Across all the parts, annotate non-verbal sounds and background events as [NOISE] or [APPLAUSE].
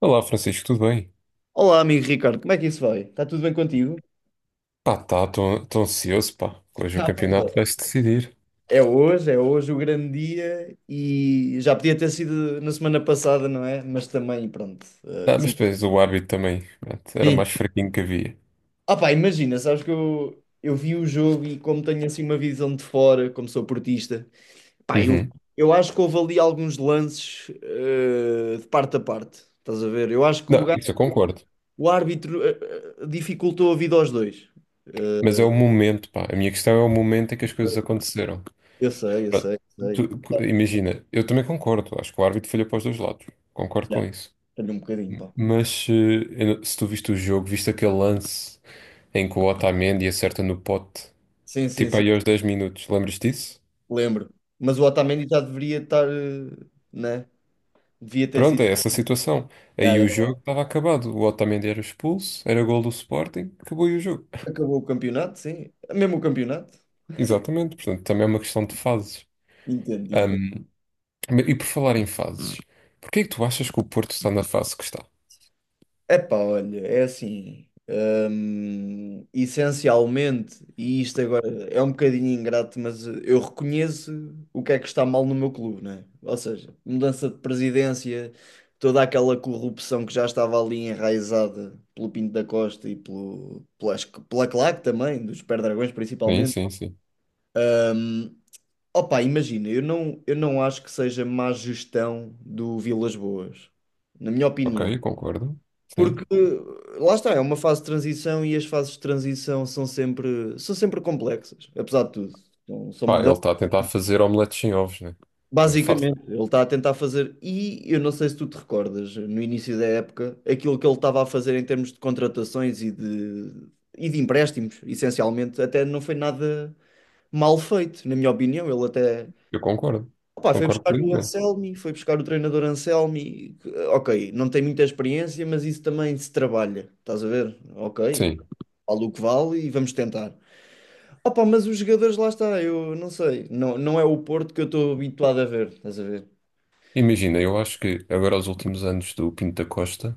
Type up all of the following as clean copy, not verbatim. Olá, Francisco, tudo bem? Olá, amigo Ricardo, como é que isso vai? Está tudo bem contigo? Pá, tá, estou ansioso, pá. Hoje o Tá tudo. campeonato Bem. vai-se decidir. É hoje o grande dia e já podia ter sido na semana passada, não é? Mas também, pronto, Ah, mas decidi. depois o árbitro também, pronto, era o Sim. mais fraquinho que havia. Ah pá, imagina, sabes que eu vi o jogo e como tenho assim uma visão de fora, como sou portista, pá, Uhum. eu acho que houve ali alguns lances de parte a parte, estás a ver? Eu acho que Não, isso eu concordo. o árbitro dificultou a vida aos dois. Mas Eh, é o momento, pá. A minha questão é o momento em que as coisas aconteceram. eu sei, eu Pronto, sei, eu sei. Imagina, eu também concordo. Acho que o árbitro falhou para os dois lados. Concordo Já, com isso. tenho um bocadinho, pá. Mas eu se tu viste o jogo, viste aquele lance em que o Otamendi acerta no pote, Sim, sim, tipo sim, aí aos 10 minutos, lembras disso? lembro. Mas o Otamendi já deveria estar, né? Devia ter Pronto, sido. é essa situação. Já, Aí já. o jogo estava acabado. O Otamendi era expulso, era gol do Sporting, acabou aí o jogo. Acabou o campeonato, sim. Mesmo o campeonato. Exatamente, portanto, também é uma questão de fases. Entendo, entendo. Ahm, e por falar em fases, porquê é que tu achas que o Porto está na fase que está? Epá, olha, é assim, essencialmente, e isto agora é um bocadinho ingrato, mas eu reconheço o que é que está mal no meu clube, né? Ou seja, mudança de presidência, toda aquela corrupção que já estava ali enraizada pelo Pinto da Costa e pela CLAC também, dos Pé-Dragões Sim, principalmente. sim, sim. Hum, opa, imagina, eu não acho que seja má gestão do Vilas Boas, na minha opinião. Ok, concordo. Porque Sim. lá está, é uma fase de transição e as fases de transição são sempre complexas, apesar de tudo. Então, são Pá, ele mudanças. está a tentar fazer omeletes sem ovos, né? Não é fácil. Basicamente, ele está a tentar fazer, e eu não sei se tu te recordas, no início da época, aquilo que ele estava a fazer em termos de contratações e de empréstimos, essencialmente, até não foi nada mal feito, na minha opinião. Ele até Eu concordo, opá, foi concordo buscar o plenamente. Anselmi, foi buscar o treinador Anselmi. Que, Ok, não tem muita experiência, mas isso também se trabalha, estás a ver? Ok. Sim. vale o que vale e vamos tentar. Opa, mas os jogadores lá está, eu não sei, não, não é o Porto que eu estou habituado a ver, estás a ver? Imagina, eu acho que agora os últimos anos do Pinto da Costa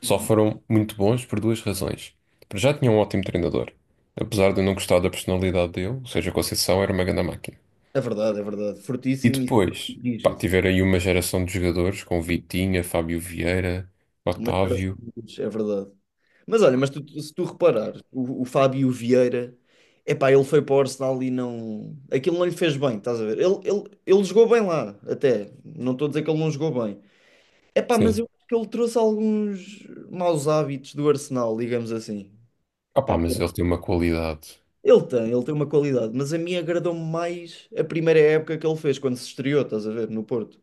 só foram muito bons por duas razões. Para já tinha um ótimo treinador, apesar de eu não gostar da personalidade dele, ou seja, Conceição era uma grande máquina. É verdade, E fortíssimo e sempre depois, pá, rígido, tiveram aí uma geração de jogadores com Vitinha, Fábio Vieira, mas era Otávio. simples, é verdade. Mas olha, se tu reparares, o Fábio Vieira, epá, ele foi para o Arsenal e não, aquilo não lhe fez bem, estás a ver? Ele jogou bem lá, até, não estou a dizer que ele não jogou bem. Epá, mas Sim. eu acho que ele trouxe alguns maus hábitos do Arsenal, digamos assim. Ah pá, mas ele tem uma qualidade. Ele tem uma qualidade, mas a mim agradou-me mais a primeira época que ele fez, quando se estreou, estás a ver, no Porto.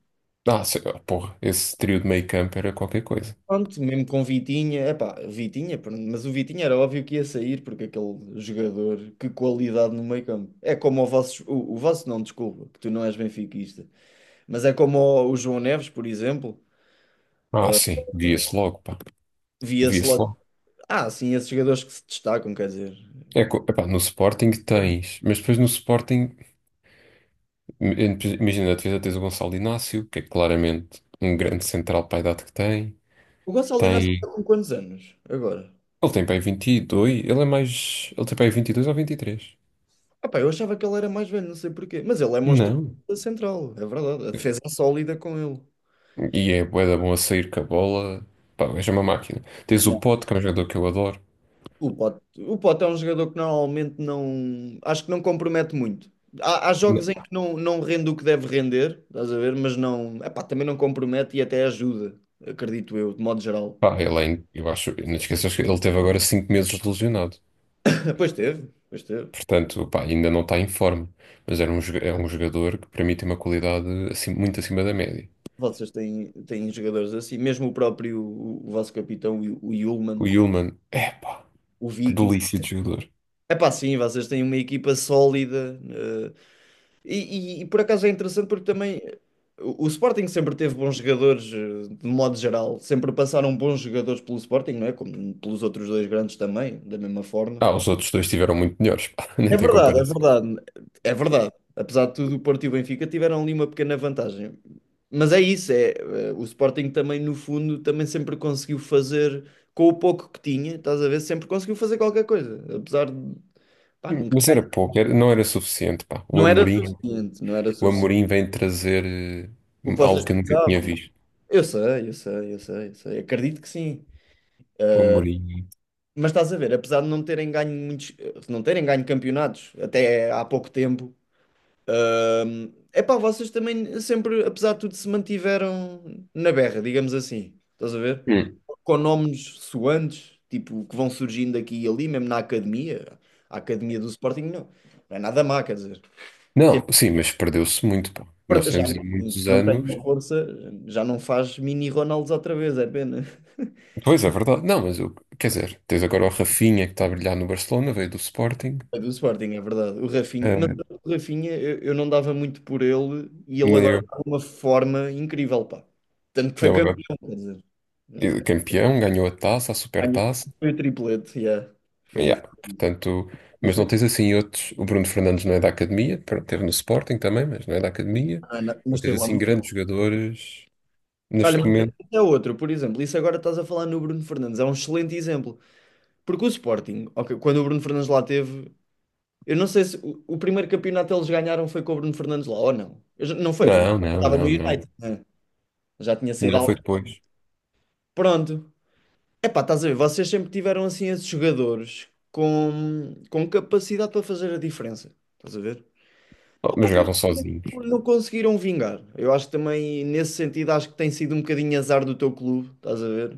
Porra, esse trio de meio campo era qualquer coisa. Pronto, mesmo com Vitinha, epá, Vitinha, pronto, mas o Vitinha era óbvio que ia sair, porque aquele jogador, que qualidade no meio-campo. É como o vosso, o vosso não, desculpa, que tu não és benfiquista, mas é como o João Neves, por exemplo, Ah, sim, via-se logo, pá, via-se via-se logo, logo. ah, sim, esses jogadores que se destacam, quer dizer. Epá, no Sporting tens, mas depois no Sporting, imagina, na defesa tens o Gonçalo Inácio, que é claramente um grande central para a idade que tem. O Gonçalo Inácio está Tem, com quantos anos agora? ele tem para aí vinte e dois, ele é mais, ele tem para aí 22 ou vinte e três. Epá, eu achava que ele era mais velho, não sei porquê. Mas ele é monstruoso Não. da central, é verdade. A defesa é sólida com ele. E é bué da bom a sair com a bola, pá, o gajo é uma máquina. Tens o Não. Pote, que é um jogador que eu adoro. O Pote é um jogador que normalmente não. Acho que não compromete muito. Há Não. jogos em que não rende o que deve render, estás a ver? Mas não. Epá, também não compromete e até ajuda, acredito eu, de modo geral. Pá, eu acho, não te esqueças que ele teve agora 5 meses de lesionado. [LAUGHS] Pois teve, pois teve. Portanto, pá, ainda não está em forma. Mas é um jogador que para mim tem uma qualidade assim, muito acima da média. Têm jogadores assim, mesmo o próprio, o vosso capitão, o Hjulmand, O Yulman, epá, o que Viking. delícia de jogador. Epá, sim, vocês têm uma equipa sólida. E, e por acaso é interessante porque também o Sporting sempre teve bons jogadores, de modo geral, sempre passaram bons jogadores pelo Sporting, não é? Como pelos outros dois grandes também, da mesma forma. Ah, os outros dois tiveram muito melhores, pá, [LAUGHS] nem É tem verdade, é comparação. verdade, é verdade. Apesar de tudo, o Porto e o Benfica tiveram ali uma pequena vantagem. Mas é isso, é, o Sporting também, no fundo, também sempre conseguiu fazer com o pouco que tinha, estás a ver? Sempre conseguiu fazer qualquer coisa, apesar de, pá, nunca Mas ganhar, era pouco, não era suficiente, pá. Não era não era O suficiente. Amorim vem trazer O que algo vocês que eu nunca tinha visto. Eu sei. Acredito que sim. O Amorim. Mas estás a ver, apesar de não terem ganho muitos, não terem ganho campeonatos até há pouco tempo, é pá, vocês também sempre, apesar de tudo, se mantiveram na berra, digamos assim. Estás a ver? Hum. Com nomes soantes, tipo, que vão surgindo aqui e ali, mesmo na academia. A academia do Sporting não, não é nada má, quer dizer. Tem- Não, sim, mas perdeu-se muito, pá. Nós Já temos aí muitos não tem anos. a força, já não faz mini Ronaldos outra vez, é pena. Pois é verdade. Não, mas eu, quer dizer, tens agora o Rafinha que está a brilhar no Barcelona, veio do Sporting. É do Sporting, é verdade. O Rafinha, mas Eh, eu não dava muito por ele e ele nem agora eu. está numa forma incrível, pá. Tanto que foi Ele campeão, quer dizer. é campeão, ganhou a taça, a Ganhou- supertaça. Foi o triplete, yeah. Foi, Yeah, portanto, foi, mas não foi- tens assim outros. O Bruno Fernandes não é da academia, pronto, teve no Sporting também, mas não é da academia. ah, não, mas Não tens esteve lá assim muito grandes tempo. jogadores Olha, neste mas momento. esse é outro, por exemplo, isso agora estás a falar no Bruno Fernandes, é um excelente exemplo. Porque o Sporting, ok, quando o Bruno Fernandes lá teve, eu não sei se o primeiro campeonato eles ganharam foi com o Bruno Fernandes lá ou não. Não foi, pois não. Não, Eu não, estava no não, não. United, né? Já tinha saído Não foi ao. depois. Pronto, Epá, estás a ver, vocês sempre tiveram assim esses jogadores com capacidade para fazer a diferença. Estás a ver? Oh, Opa, mas mas jogavam sozinhos. não conseguiram vingar. Eu acho que também, nesse sentido, acho que tem sido um bocadinho azar do teu clube. Estás a ver?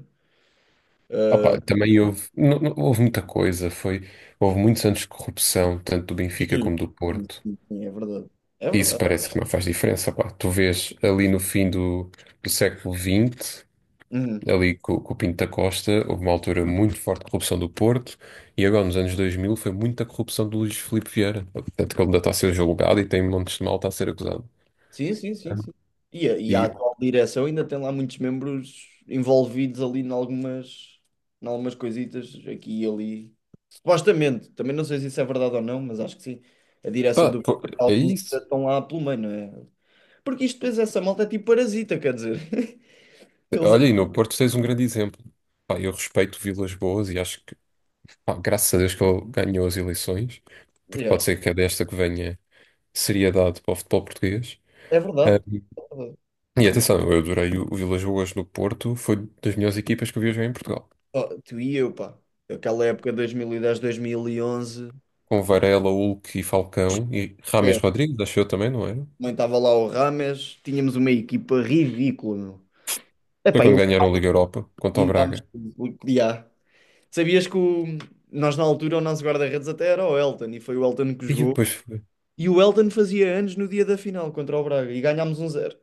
Opa, também houve, houve muita coisa. Foi, houve muitos anos de corrupção, tanto do Benfica Sim, como do Porto. sim, sim, é verdade. É Isso verdade. parece que não faz diferença. Pá. Tu vês ali no fim do, do século vinte Uhum. ali com o Pinto da Costa, houve uma altura muito forte de corrupção do Porto, e agora nos anos 2000 foi muita corrupção do Luís Filipe Vieira. Portanto, que ele ainda está a ser julgado e tem montes de malta a ser acusado. Sim, sim, sim, sim. E e a E atual direção ainda tem lá muitos membros envolvidos ali em algumas coisitas aqui e ali. Supostamente, também não sei se isso é verdade ou não, mas acho que sim. A direção pá, do pô, é alguns isso. ainda estão lá pelo meio, não é? Porque isto depois essa malta é tipo parasita, quer dizer. [LAUGHS] Eles Olha, e no Porto tens um grande exemplo. Pá, eu respeito Vilas Boas e acho que, pá, graças a Deus que ele ganhou as eleições, é, porque yeah, pode ser que é desta que venha seriedade para o futebol português. é Ah, verdade. É verdade. e Com- atenção, eu adorei o Vilas Boas no Porto, foi das melhores equipas que eu vi jogar em Portugal, oh, tu e eu, pá. Aquela época 2010, 2011, com Varela, Hulk e Falcão e Rames é, Rodrigues, acho eu também, não era? também estava lá o Rames, tínhamos uma equipa ridícula, meu. Foi Epá, quando ganharam a Liga Europa contra o limpámos Braga. tudo. Yeah. Sabias que o- nós na altura o nosso guarda-redes até era o Elton e foi o Elton que E jogou. depois foi. E o Elton fazia anos no dia da final contra o Braga e ganhámos 1-0.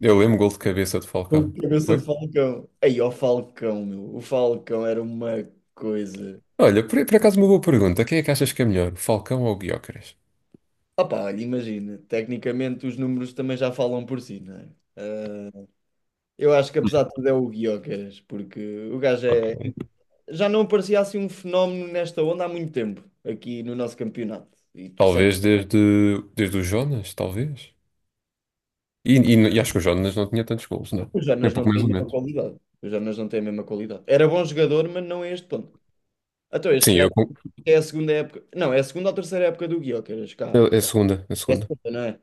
Eu lembro gol de cabeça de Falcão, Com a não cabeça de foi? Falcão. Aí, ó Falcão, meu. O Falcão era uma coisa. Olha, por acaso uma boa pergunta. Quem é que achas que é melhor, Falcão ou Gyökeres? Opá, olha, imagina. Tecnicamente os números também já falam por si, não é? Eh, Eu acho que apesar de [LAUGHS] tudo é o Guiocas, porque o gajo Ok. é. Já não aparecia assim um fenómeno nesta onda há muito tempo, aqui no nosso campeonato. E tu Talvez desde, desde o Jonas, talvez. E, e acho que o Jonas não tinha tantos gols, não. O É um Jonas não pouco tem mais a ou mesma menos. qualidade. O Jonas não tem a mesma qualidade. Era bom jogador, mas não é este ponto. Então, este Sim, gajo é a segunda época. Não, é a segunda ou terceira época do Gyökeres, é cá. é a segunda, é a É a segunda. segunda, não é?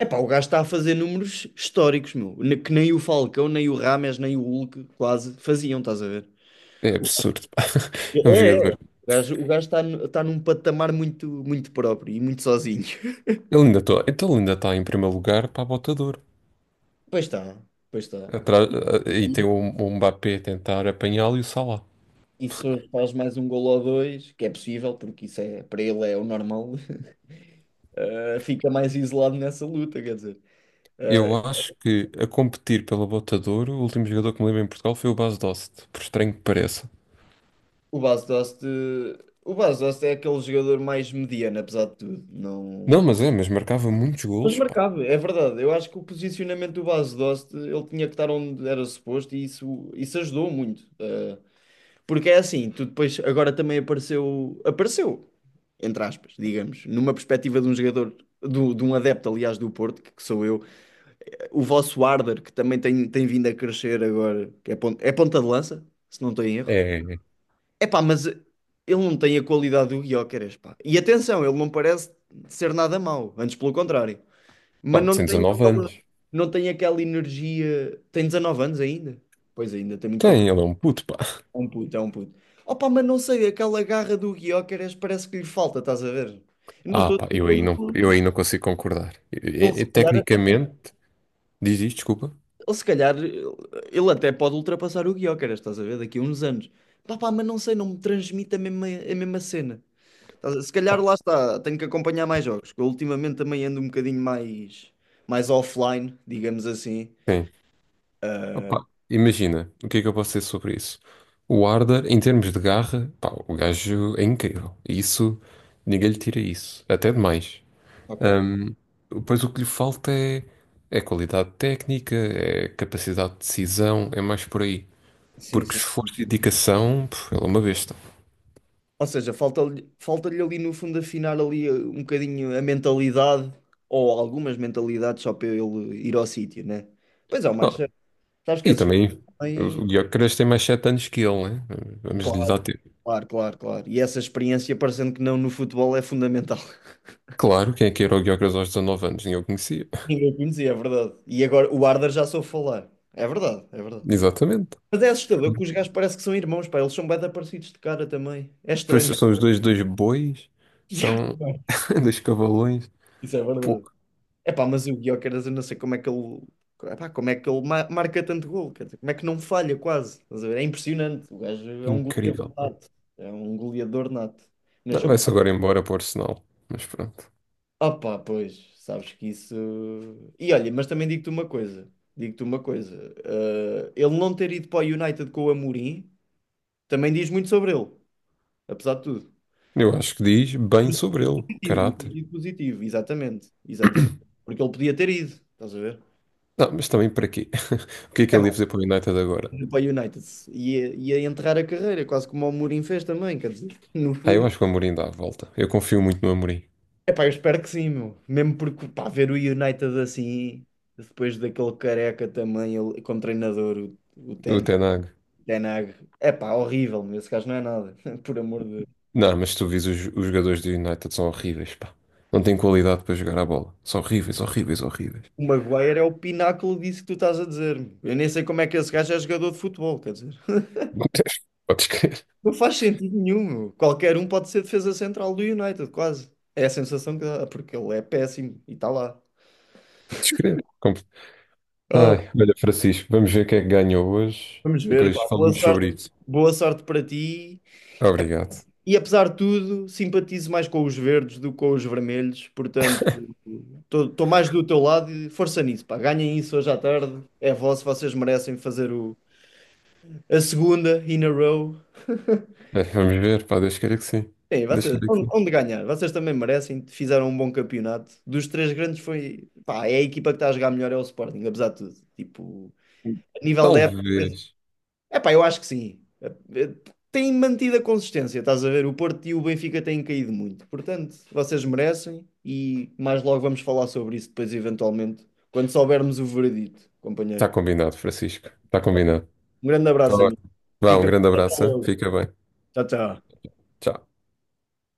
Epá, o gajo está a fazer números históricos, meu. Que nem o Falcão, nem o Rames, nem o Hulk quase faziam, estás a ver? É O- absurdo, pá. [LAUGHS] É um É, é. jogador. O gajo está, está num patamar muito, muito próprio e muito sozinho. [LAUGHS] Ele ainda está, então ele ainda está em primeiro lugar para a bota de ouro. Pois está, pois está. Atrás- eh, e tem o Mbappé a tentar apanhá-lo e o Salah. E se faz mais um golo ou dois, que é possível, porque isso é, para ele é o normal, [LAUGHS] fica mais isolado nessa luta, quer dizer. Eh, Eu acho que a competir pela Bota de Ouro, o último jogador que me lembro em Portugal foi o Bas Dost, por estranho que pareça. o Bas Dost, o Bas Dost é aquele jogador mais mediano, apesar de tudo. Não, Não... mas é, mas marcava muitos Mas golos, pá. marcava, é verdade. Eu acho que o posicionamento do Bas Dost, ele tinha que estar onde era suposto e isso ajudou muito. Porque é assim, tu depois agora também apareceu, entre aspas, digamos, numa perspectiva de um jogador, de um adepto, aliás, do Porto, que sou eu, o vosso Arder, que também tem vindo a crescer agora, que é ponta de lança, se não estou em erro. É, É pá, mas ele não tem a qualidade do Gyökeres, pá. E atenção, ele não parece ser nada mau, antes pelo contrário. Mas pá, não tem tem 19 aquela, anos. não tem aquela energia, tem 19 anos ainda. Pois ainda tem muito para Tem, ele é um puto, pá. é um puto, é um puto. Opa, mas não sei, aquela garra do Gyökeres parece que lhe falta, estás a ver? Eu Não Ah, estou a pá, dizer que ele, eu aí não consigo concordar. Ele se calhar, Tecnicamente, diz isto, desculpa. ele, se calhar, ele até pode ultrapassar o Gyökeres, estás a ver? Daqui a uns anos. Pá, pá, mas não sei, não me transmite a mesma cena. Estás a- Se calhar Oh. lá está, tenho que acompanhar mais jogos, que eu ultimamente também ando um bocadinho mais, mais offline, digamos assim. Sim. Opa, imagina, o que é que eu posso dizer sobre isso? O Arda, em termos de garra, pá, o gajo é incrível. Isso, ninguém lhe tira isso. Até demais. Ok. Ahm, pois o que lhe falta é, é qualidade técnica, é capacidade de decisão, é mais por aí. Sim, Porque sim, esforço sim. e dedicação, pff, ele é uma besta. Ou seja, falta-lhe ali no fundo afinar ali um bocadinho a mentalidade, ou algumas mentalidades só para ele ir ao sítio, né? Pois é, mas Oh, sabes que e esses gajos também, também. o Gyökeres tem mais 7 anos que ele, né? Vamos lhe dar Claro, tempo. Claro. E essa experiência, parecendo que não no futebol, é fundamental. [LAUGHS] Claro, quem é que era o Gyökeres aos 19 anos? Ninguém o conhecia. Ninguém conhecia, é verdade. E agora o Arda já soube falar. É verdade, é verdade. [LAUGHS] Exatamente. Mas é assustador que os gajos parecem que são irmãos, pá. Eles são bem parecidos de cara também. É Pois estranho. são [LAUGHS] os dois, dois bois, Yeah, são também. [LAUGHS] dois cavalões. Isso é Pô, verdade. Epá, mas o Gyökeres, eu não sei como é que ele, epá, como é que ele marca tanto gol, quer dizer, como é que não falha quase. Estás a ver? É impressionante. O gajo é um goleador incrível, pá. nato. É um goleador nato. Não, Nasceu... vai-se agora embora para o Arsenal, mas pronto. Opá, pois, sabes que isso. E olha, mas também digo-te uma coisa. Digo-te uma coisa. Ele não ter ido para o United com o Amorim também diz muito sobre ele, apesar de tudo. Eu acho que diz No bem sentido sobre ele, no caráter. sentido positivo, exatamente. Exatamente. Porque ele podia ter ido, estás a ver? Não, mas também para quê? [LAUGHS] O que é que ele ia fazer para o United agora? Indo para o United. Ia enterrar a carreira, quase como o Mourinho fez também, quer dizer, [LAUGHS] no Ah, eu fundo. acho que o Amorim dá a volta. Eu confio muito no Amorim. É Epá, eu espero que sim, meu. Mesmo porque, pá, ver o United assim, depois daquele careca também, ele, como treinador, o, o O Ten, Ten Hag. Ten Hag. Epá, horrível, meu. Esse gajo não é nada, [LAUGHS] por amor de Deus. Não, mas tu vês os jogadores do United são horríveis, pá. Não têm qualidade para jogar a bola. São horríveis, horríveis, horríveis. O Maguire é o pináculo disso que tu estás a dizer, meu. Eu nem sei como é que esse gajo é jogador de futebol, quer dizer. [LAUGHS] Podes crer, Não faz sentido nenhum, meu. Qualquer um pode ser defesa central do United, quase. É a sensação que dá, porque ele é péssimo e está lá. podes crer. Ah, Ai, olha, Francisco, vamos ver quem é que ganhou hoje vamos e ver, depois pá, falamos sobre isso. boa sorte para ti. Obrigado. E apesar de tudo, simpatizo mais com os verdes do que com os vermelhos, portanto, estou mais do teu lado e força nisso, pá. Ganhem isso hoje à tarde, é vosso, vocês merecem fazer a segunda in a row. É, vamos ver, pá, Deus queira que sim. Bem, Deus vocês, queira que sim. onde ganhar? Vocês também merecem, fizeram um bom campeonato. Dos três grandes foi, pá, é a equipa que está a jogar melhor é o Sporting, apesar de tudo. Tipo, a nível da Talvez. Epá, eu acho que sim. Eh, tem mantido a consistência, estás a ver? O Porto e o Benfica têm caído muito. Portanto, vocês merecem e mais logo vamos falar sobre isso depois, eventualmente, quando soubermos o veredito, Está companheiro. combinado, Francisco. Está combinado. Um grande Tá abraço, bem. amigo. Vá, um Fica. grande Até abraço, hein? logo. Fica bem. Tchau, tchau. Tchau.